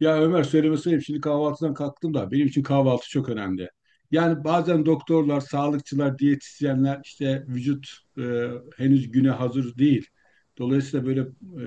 Ya Ömer söylemesi ayıp. Şimdi kahvaltıdan kalktım da benim için kahvaltı çok önemli. Yani bazen doktorlar, sağlıkçılar, diyetisyenler işte vücut e, henüz güne hazır değil. Dolayısıyla böyle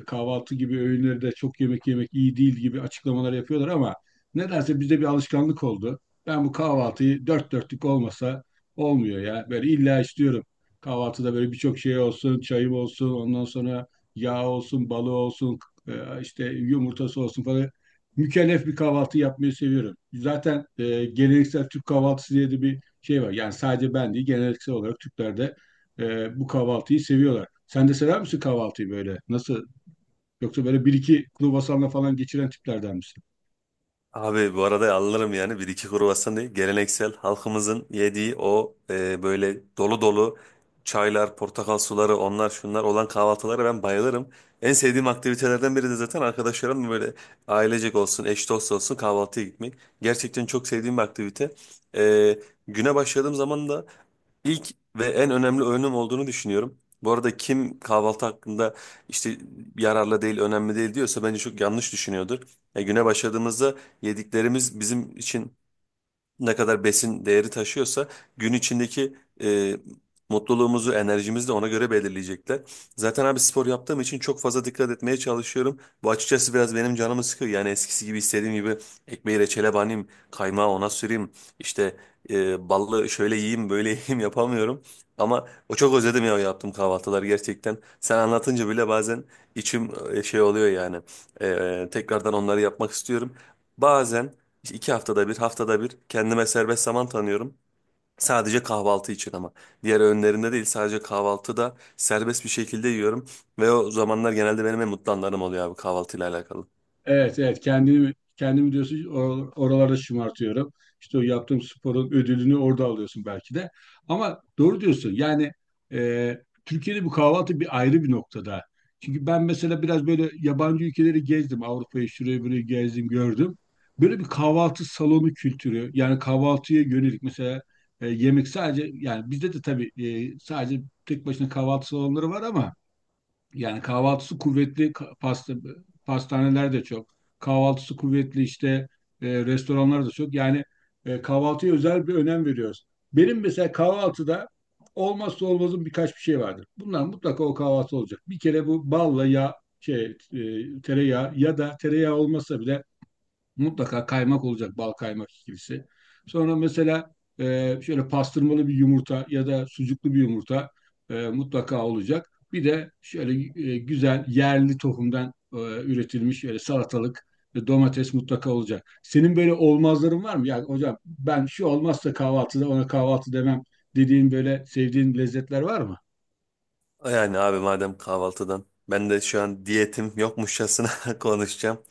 kahvaltı gibi öğünleri de çok yemek yemek iyi değil gibi açıklamalar yapıyorlar ama nedense bizde bir alışkanlık oldu. Ben bu kahvaltıyı dört dörtlük olmasa olmuyor ya. Böyle illa istiyorum. Kahvaltıda böyle birçok şey olsun, çayım olsun, ondan sonra yağ olsun, balı olsun, e, işte yumurtası olsun falan mükellef bir kahvaltı yapmayı seviyorum. Zaten geleneksel Türk kahvaltısı diye de bir şey var. Yani sadece ben değil, geleneksel olarak Türkler de bu kahvaltıyı seviyorlar. Sen de sever misin kahvaltıyı böyle? Nasıl? Yoksa böyle bir iki kruvasanla falan geçiren tiplerden misin? Abi bu arada alırım yani bir iki kruvasan değil. Geleneksel halkımızın yediği o böyle dolu dolu çaylar, portakal suları onlar şunlar olan kahvaltılara ben bayılırım. En sevdiğim aktivitelerden biri de zaten arkadaşlarımla böyle ailecek olsun, eş dost olsun kahvaltıya gitmek. Gerçekten çok sevdiğim bir aktivite. E, Güne başladığım zaman da İlk ve en önemli önüm olduğunu düşünüyorum. Bu arada kim kahvaltı hakkında işte yararlı değil, önemli değil diyorsa bence çok yanlış düşünüyordur. Ya güne başladığımızda yediklerimiz bizim için ne kadar besin değeri taşıyorsa gün içindeki e, mutluluğumuzu, enerjimizi de ona göre belirleyecekler. Zaten abi spor yaptığım için çok fazla dikkat etmeye çalışıyorum. Bu açıkçası biraz benim canımı sıkıyor. Yani eskisi gibi istediğim gibi ekmeği reçele banayım, kaymağı ona süreyim, işte ballı şöyle yiyeyim, böyle yiyeyim yapamıyorum. Ama o çok özledim ya o yaptığım kahvaltılar gerçekten. Sen anlatınca bile bazen içim şey oluyor yani. Tekrardan onları yapmak istiyorum. Bazen işte 2 haftada bir, haftada bir kendime serbest zaman tanıyorum. Sadece kahvaltı için ama. Diğer öğünlerinde değil sadece kahvaltıda serbest bir şekilde yiyorum. Ve o zamanlar genelde benim en mutlu anlarım oluyor abi kahvaltıyla alakalı. Evet, evet. Kendimi diyorsun, oralarda şımartıyorum. İşte o yaptığım sporun ödülünü orada alıyorsun belki de. Ama doğru diyorsun. Yani e, Türkiye'de bu kahvaltı bir ayrı bir noktada. Çünkü ben mesela biraz böyle yabancı ülkeleri gezdim. Avrupa'yı şurayı burayı gezdim, gördüm. Böyle bir kahvaltı salonu kültürü. Yani kahvaltıya yönelik mesela yemek sadece yani bizde de tabii sadece tek başına kahvaltı salonları var ama yani kahvaltısı kuvvetli pasta, pastaneler de çok. Kahvaltısı kuvvetli işte restoranlar da çok. Yani kahvaltıya özel bir önem veriyoruz. Benim mesela kahvaltıda olmazsa olmazım birkaç bir şey vardır. Bunlar mutlaka o kahvaltı olacak. Bir kere bu balla ya şey tereyağı ya da tereyağı olmasa bile mutlaka kaymak olacak, bal kaymak ikilisi. Sonra mesela şöyle pastırmalı bir yumurta ya da sucuklu bir yumurta mutlaka olacak. Bir de şöyle güzel yerli tohumdan üretilmiş şöyle salatalık ve domates mutlaka olacak. Senin böyle olmazların var mı? Yani hocam ben şu olmazsa kahvaltıda ona kahvaltı demem dediğin böyle sevdiğin lezzetler var mı? Yani abi madem kahvaltıdan. Ben de şu an diyetim yokmuşçasına konuşacağım.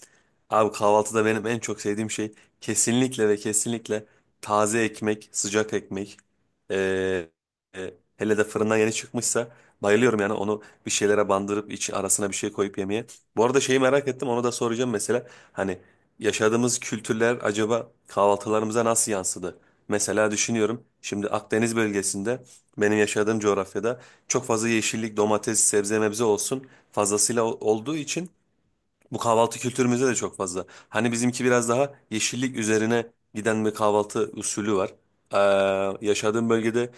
Abi kahvaltıda benim en çok sevdiğim şey kesinlikle ve kesinlikle taze ekmek, sıcak ekmek. Ee, Hele de fırından yeni çıkmışsa bayılıyorum yani onu bir şeylere bandırıp içi arasına bir şey koyup yemeye. Bu arada şeyi merak ettim onu da soracağım mesela. Hani yaşadığımız kültürler acaba kahvaltılarımıza nasıl yansıdı? Mesela düşünüyorum şimdi Akdeniz bölgesinde benim yaşadığım coğrafyada çok fazla yeşillik, domates, sebze mebze olsun fazlasıyla olduğu için bu kahvaltı kültürümüzde de çok fazla. Hani bizimki biraz daha yeşillik üzerine giden bir kahvaltı usulü var. Yaşadığım bölgede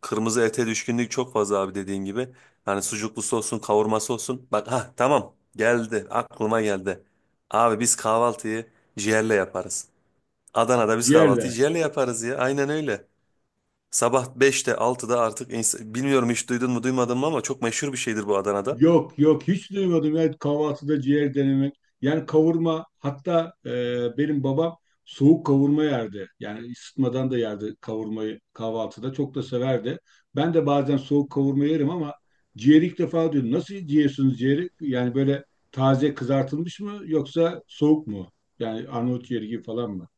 kırmızı ete düşkünlük çok fazla abi dediğin gibi. Hani sucuklusu olsun, kavurması olsun. Bak ha tamam geldi aklıma geldi. Abi biz kahvaltıyı ciğerle yaparız. Adana'da biz kahvaltıyı Ciğerle. ciğerle yaparız ya aynen öyle. Sabah 5'te 6'da artık bilmiyorum hiç duydun mu duymadın mı ama çok meşhur bir şeydir bu Adana'da. Yok yok hiç duymadım ya kahvaltıda ciğer denemek. Yani kavurma hatta benim babam soğuk kavurma yerdi. Yani ısıtmadan da yerdi kavurmayı kahvaltıda. Çok da severdi. Ben de bazen soğuk kavurma yerim ama ciğeri ilk defa duydum. Nasıl yiyorsunuz ciğeri? Yani böyle taze kızartılmış mı yoksa soğuk mu? Yani Arnavut ciğeri gibi falan mı?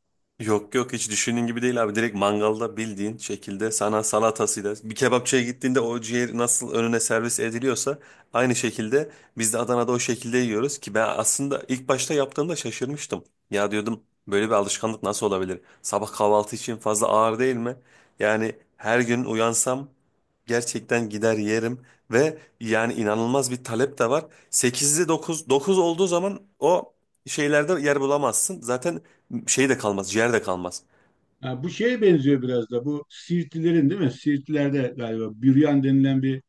Yok yok hiç düşündüğün gibi değil abi. Direkt mangalda bildiğin şekilde sana salatasıyla bir kebapçıya gittiğinde o ciğer nasıl önüne servis ediliyorsa aynı şekilde biz de Adana'da o şekilde yiyoruz ki ben aslında ilk başta yaptığımda şaşırmıştım. Ya diyordum böyle bir alışkanlık nasıl olabilir? Sabah kahvaltı için fazla ağır değil mi? Yani her gün uyansam gerçekten gider yerim ve yani inanılmaz bir talep de var. 8'de dokuz olduğu zaman o şeylerde yer bulamazsın. Zaten şey de kalmaz, ciğer de kalmaz. Ha, bu şeye benziyor biraz da bu Siirtlilerin değil mi? Siirtlilerde galiba büryan denilen bir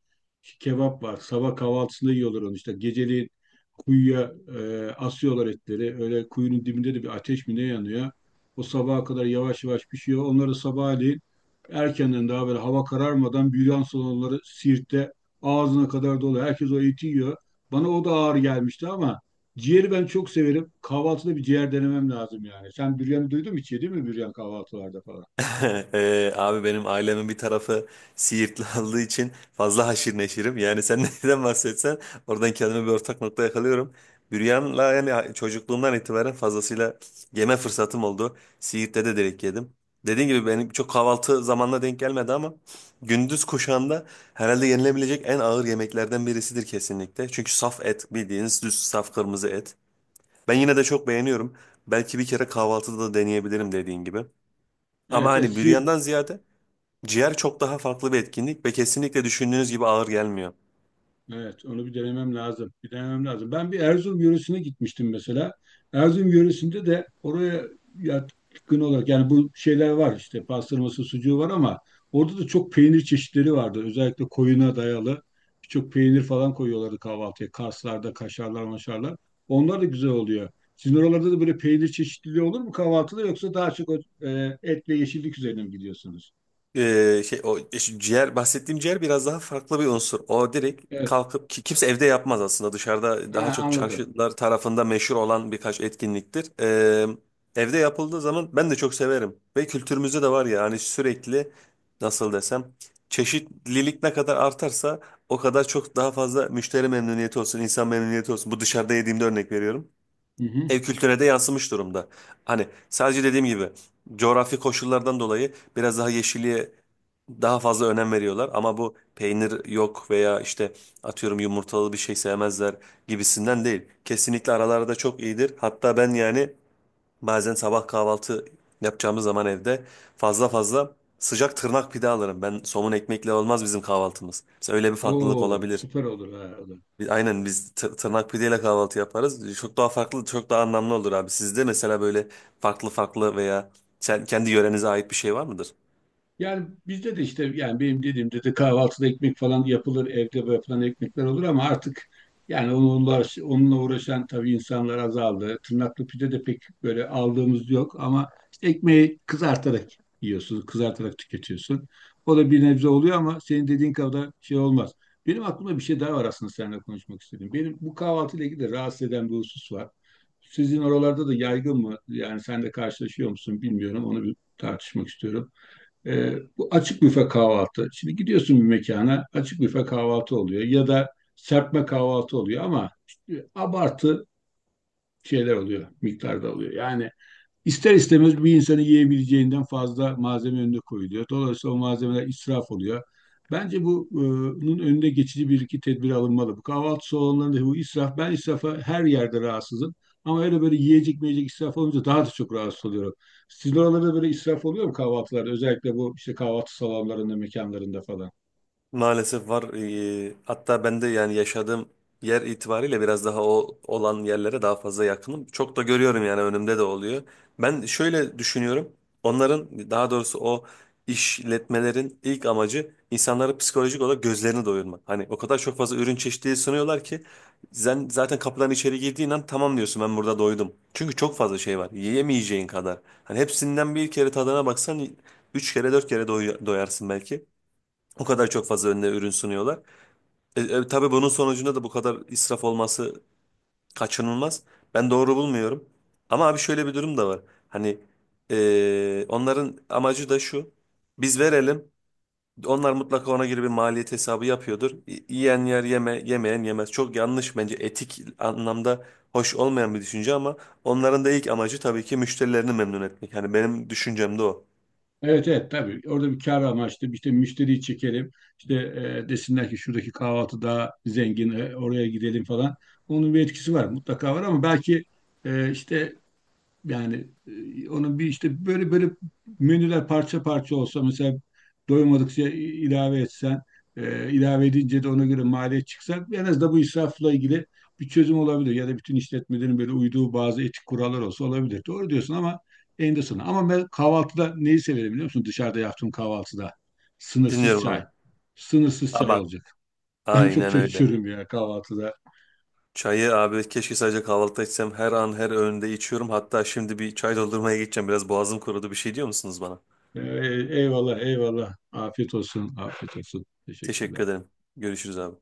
kebap var. Sabah kahvaltısında yiyorlar onu işte. Geceliğin kuyuya asıyorlar etleri. Öyle kuyunun dibinde de bir ateş mi ne yanıyor. O sabaha kadar yavaş yavaş pişiyor. Onları sabahleyin erkenden daha böyle hava kararmadan büryan salonları Siirt'te ağzına kadar dolu. Herkes o eti yiyor. Bana o da ağır gelmişti ama ciğeri ben çok severim. Kahvaltıda bir ciğer denemem lazım yani. Sen büryanı duydun mu, hiç yedin mi büryan kahvaltılarda falan? Abi benim ailemin bir tarafı Siirtli olduğu için fazla haşir neşirim. Yani sen neden bahsetsen oradan kendime bir ortak nokta yakalıyorum. Büryan'la yani çocukluğumdan itibaren fazlasıyla yeme fırsatım oldu. Siirt'te de direkt yedim. Dediğim gibi benim çok kahvaltı zamanına denk gelmedi ama gündüz kuşağında herhalde yenilebilecek en ağır yemeklerden birisidir kesinlikle. Çünkü saf et bildiğiniz düz saf kırmızı et. Ben yine de çok beğeniyorum. Belki bir kere kahvaltıda da deneyebilirim dediğin gibi. Ama Evet, hani evet. büryandan ziyade ciğer çok daha farklı bir etkinlik ve kesinlikle düşündüğünüz gibi ağır gelmiyor. Evet, onu bir denemem lazım. Bir denemem lazım. Ben bir Erzurum yöresine gitmiştim mesela. Erzurum yöresinde de oraya yatkın olarak yani bu şeyler var işte pastırması, sucuğu var ama orada da çok peynir çeşitleri vardı. Özellikle koyuna dayalı birçok peynir falan koyuyorlardı kahvaltıya. Karslarda, kaşarlar, maşarlar. Onlar da güzel oluyor. Sizin oralarda da böyle peynir çeşitliliği olur mu kahvaltıda yoksa daha çok o, et ve yeşillik üzerine mi gidiyorsunuz? Şey o işte ciğer bahsettiğim ciğer biraz daha farklı bir unsur. O direkt Evet. kalkıp ki kimse evde yapmaz aslında. Dışarıda daha Ha, çok anladım. çarşılar tarafında meşhur olan birkaç etkinliktir. Evde yapıldığı zaman ben de çok severim ve kültürümüzde de var ya hani sürekli nasıl desem çeşitlilik ne kadar artarsa o kadar çok daha fazla müşteri memnuniyeti olsun, insan memnuniyeti olsun. Bu dışarıda yediğimde örnek veriyorum Hı hı. ev kültürüne de yansımış durumda. Hani sadece dediğim gibi coğrafi koşullardan dolayı biraz daha yeşilliğe daha fazla önem veriyorlar ama bu peynir yok veya işte atıyorum yumurtalı bir şey sevmezler gibisinden değil. Kesinlikle aralarda çok iyidir. Hatta ben yani bazen sabah kahvaltı yapacağımız zaman evde fazla fazla sıcak tırnak pide alırım. Ben somun ekmekle olmaz bizim kahvaltımız. Mesela öyle bir farklılık Oo, olabilir. süper olur ha. O Aynen biz tırnak pideyle kahvaltı yaparız. Çok daha farklı, çok daha anlamlı olur abi. Sizde mesela böyle farklı farklı veya kendi yörenize ait bir şey var mıdır? yani bizde de işte yani benim dediğimde de kahvaltıda ekmek falan yapılır, evde yapılan ekmekler olur ama artık yani onunla uğraşan tabii insanlar azaldı. Tırnaklı pide de pek böyle aldığımız yok ama işte ekmeği kızartarak yiyorsun, kızartarak tüketiyorsun. O da bir nebze oluyor ama senin dediğin kadar şey olmaz. Benim aklımda bir şey daha var aslında, seninle konuşmak istedim. Benim bu kahvaltıyla ilgili de rahatsız eden bir husus var. Sizin oralarda da yaygın mı? Yani sen de karşılaşıyor musun bilmiyorum. Onu bir tartışmak istiyorum. Bu açık büfe kahvaltı. Şimdi gidiyorsun bir mekana açık büfe kahvaltı oluyor ya da serpme kahvaltı oluyor ama işte abartı şeyler oluyor, miktarda oluyor. Yani İster istemez bir insanın yiyebileceğinden fazla malzeme önüne koyuluyor. Dolayısıyla o malzemeler israf oluyor. Bence bu, bunun önünde geçici bir iki tedbir alınmalı. Bu kahvaltı salonlarında bu israf, ben israfa her yerde rahatsızım. Ama öyle böyle yiyecek meyecek israf olunca daha da çok rahatsız oluyorum. Sizin oralarda böyle israf oluyor mu kahvaltılarda? Özellikle bu işte kahvaltı salonlarında, mekanlarında falan. Maalesef var. Hatta ben de yani yaşadığım yer itibariyle biraz daha o olan yerlere daha fazla yakınım. Çok da görüyorum yani önümde de oluyor. Ben şöyle düşünüyorum. Onların daha doğrusu o işletmelerin ilk amacı insanları psikolojik olarak gözlerini doyurmak. Hani o kadar çok fazla ürün çeşitliliği sunuyorlar ki sen zaten kapıdan içeri girdiğin an tamam diyorsun ben burada doydum. Çünkü çok fazla şey var. Yiyemeyeceğin kadar. Hani hepsinden bir kere tadına baksan üç kere dört kere doyarsın belki. O kadar çok fazla önüne ürün sunuyorlar. Tabii bunun sonucunda da bu kadar israf olması kaçınılmaz. Ben doğru bulmuyorum. Ama abi şöyle bir durum da var. Hani onların amacı da şu. Biz verelim. Onlar mutlaka ona göre bir maliyet hesabı yapıyordur. Yiyen yer yeme, yemeyen yemez. Çok yanlış bence etik anlamda hoş olmayan bir düşünce ama onların da ilk amacı tabii ki müşterilerini memnun etmek. Hani benim düşüncem de o. Evet, evet, tabii orada bir kar amaçlı işte müşteriyi çekelim, işte desinler ki şuradaki kahvaltı daha zengin, oraya gidelim falan, onun bir etkisi var mutlaka var ama belki işte yani onun bir işte böyle menüler parça parça olsa mesela doymadıkça ilave etsen, ilave edince de ona göre maliyet çıksa en azından bu israfla ilgili bir çözüm olabilir. Ya da bütün işletmelerin böyle uyduğu bazı etik kurallar olsa olabilir. Doğru diyorsun ama eninde sonunda. Ama ben kahvaltıda neyi severim biliyor musun? Dışarıda yaptığım kahvaltıda sınırsız Dinliyorum abi. çay. Sınırsız çay Ama olacak. Ben çok aynen çay öyle. içiyorum ya kahvaltıda. Çayı abi keşke sadece kahvaltıda içsem. Her an her öğünde içiyorum. Hatta şimdi bir çay doldurmaya gideceğim. Biraz boğazım kurudu. Bir şey diyor musunuz bana? Ee, Eyvallah, eyvallah. Afiyet olsun, afiyet olsun. Teşekkürler. Teşekkür ederim. Görüşürüz abi.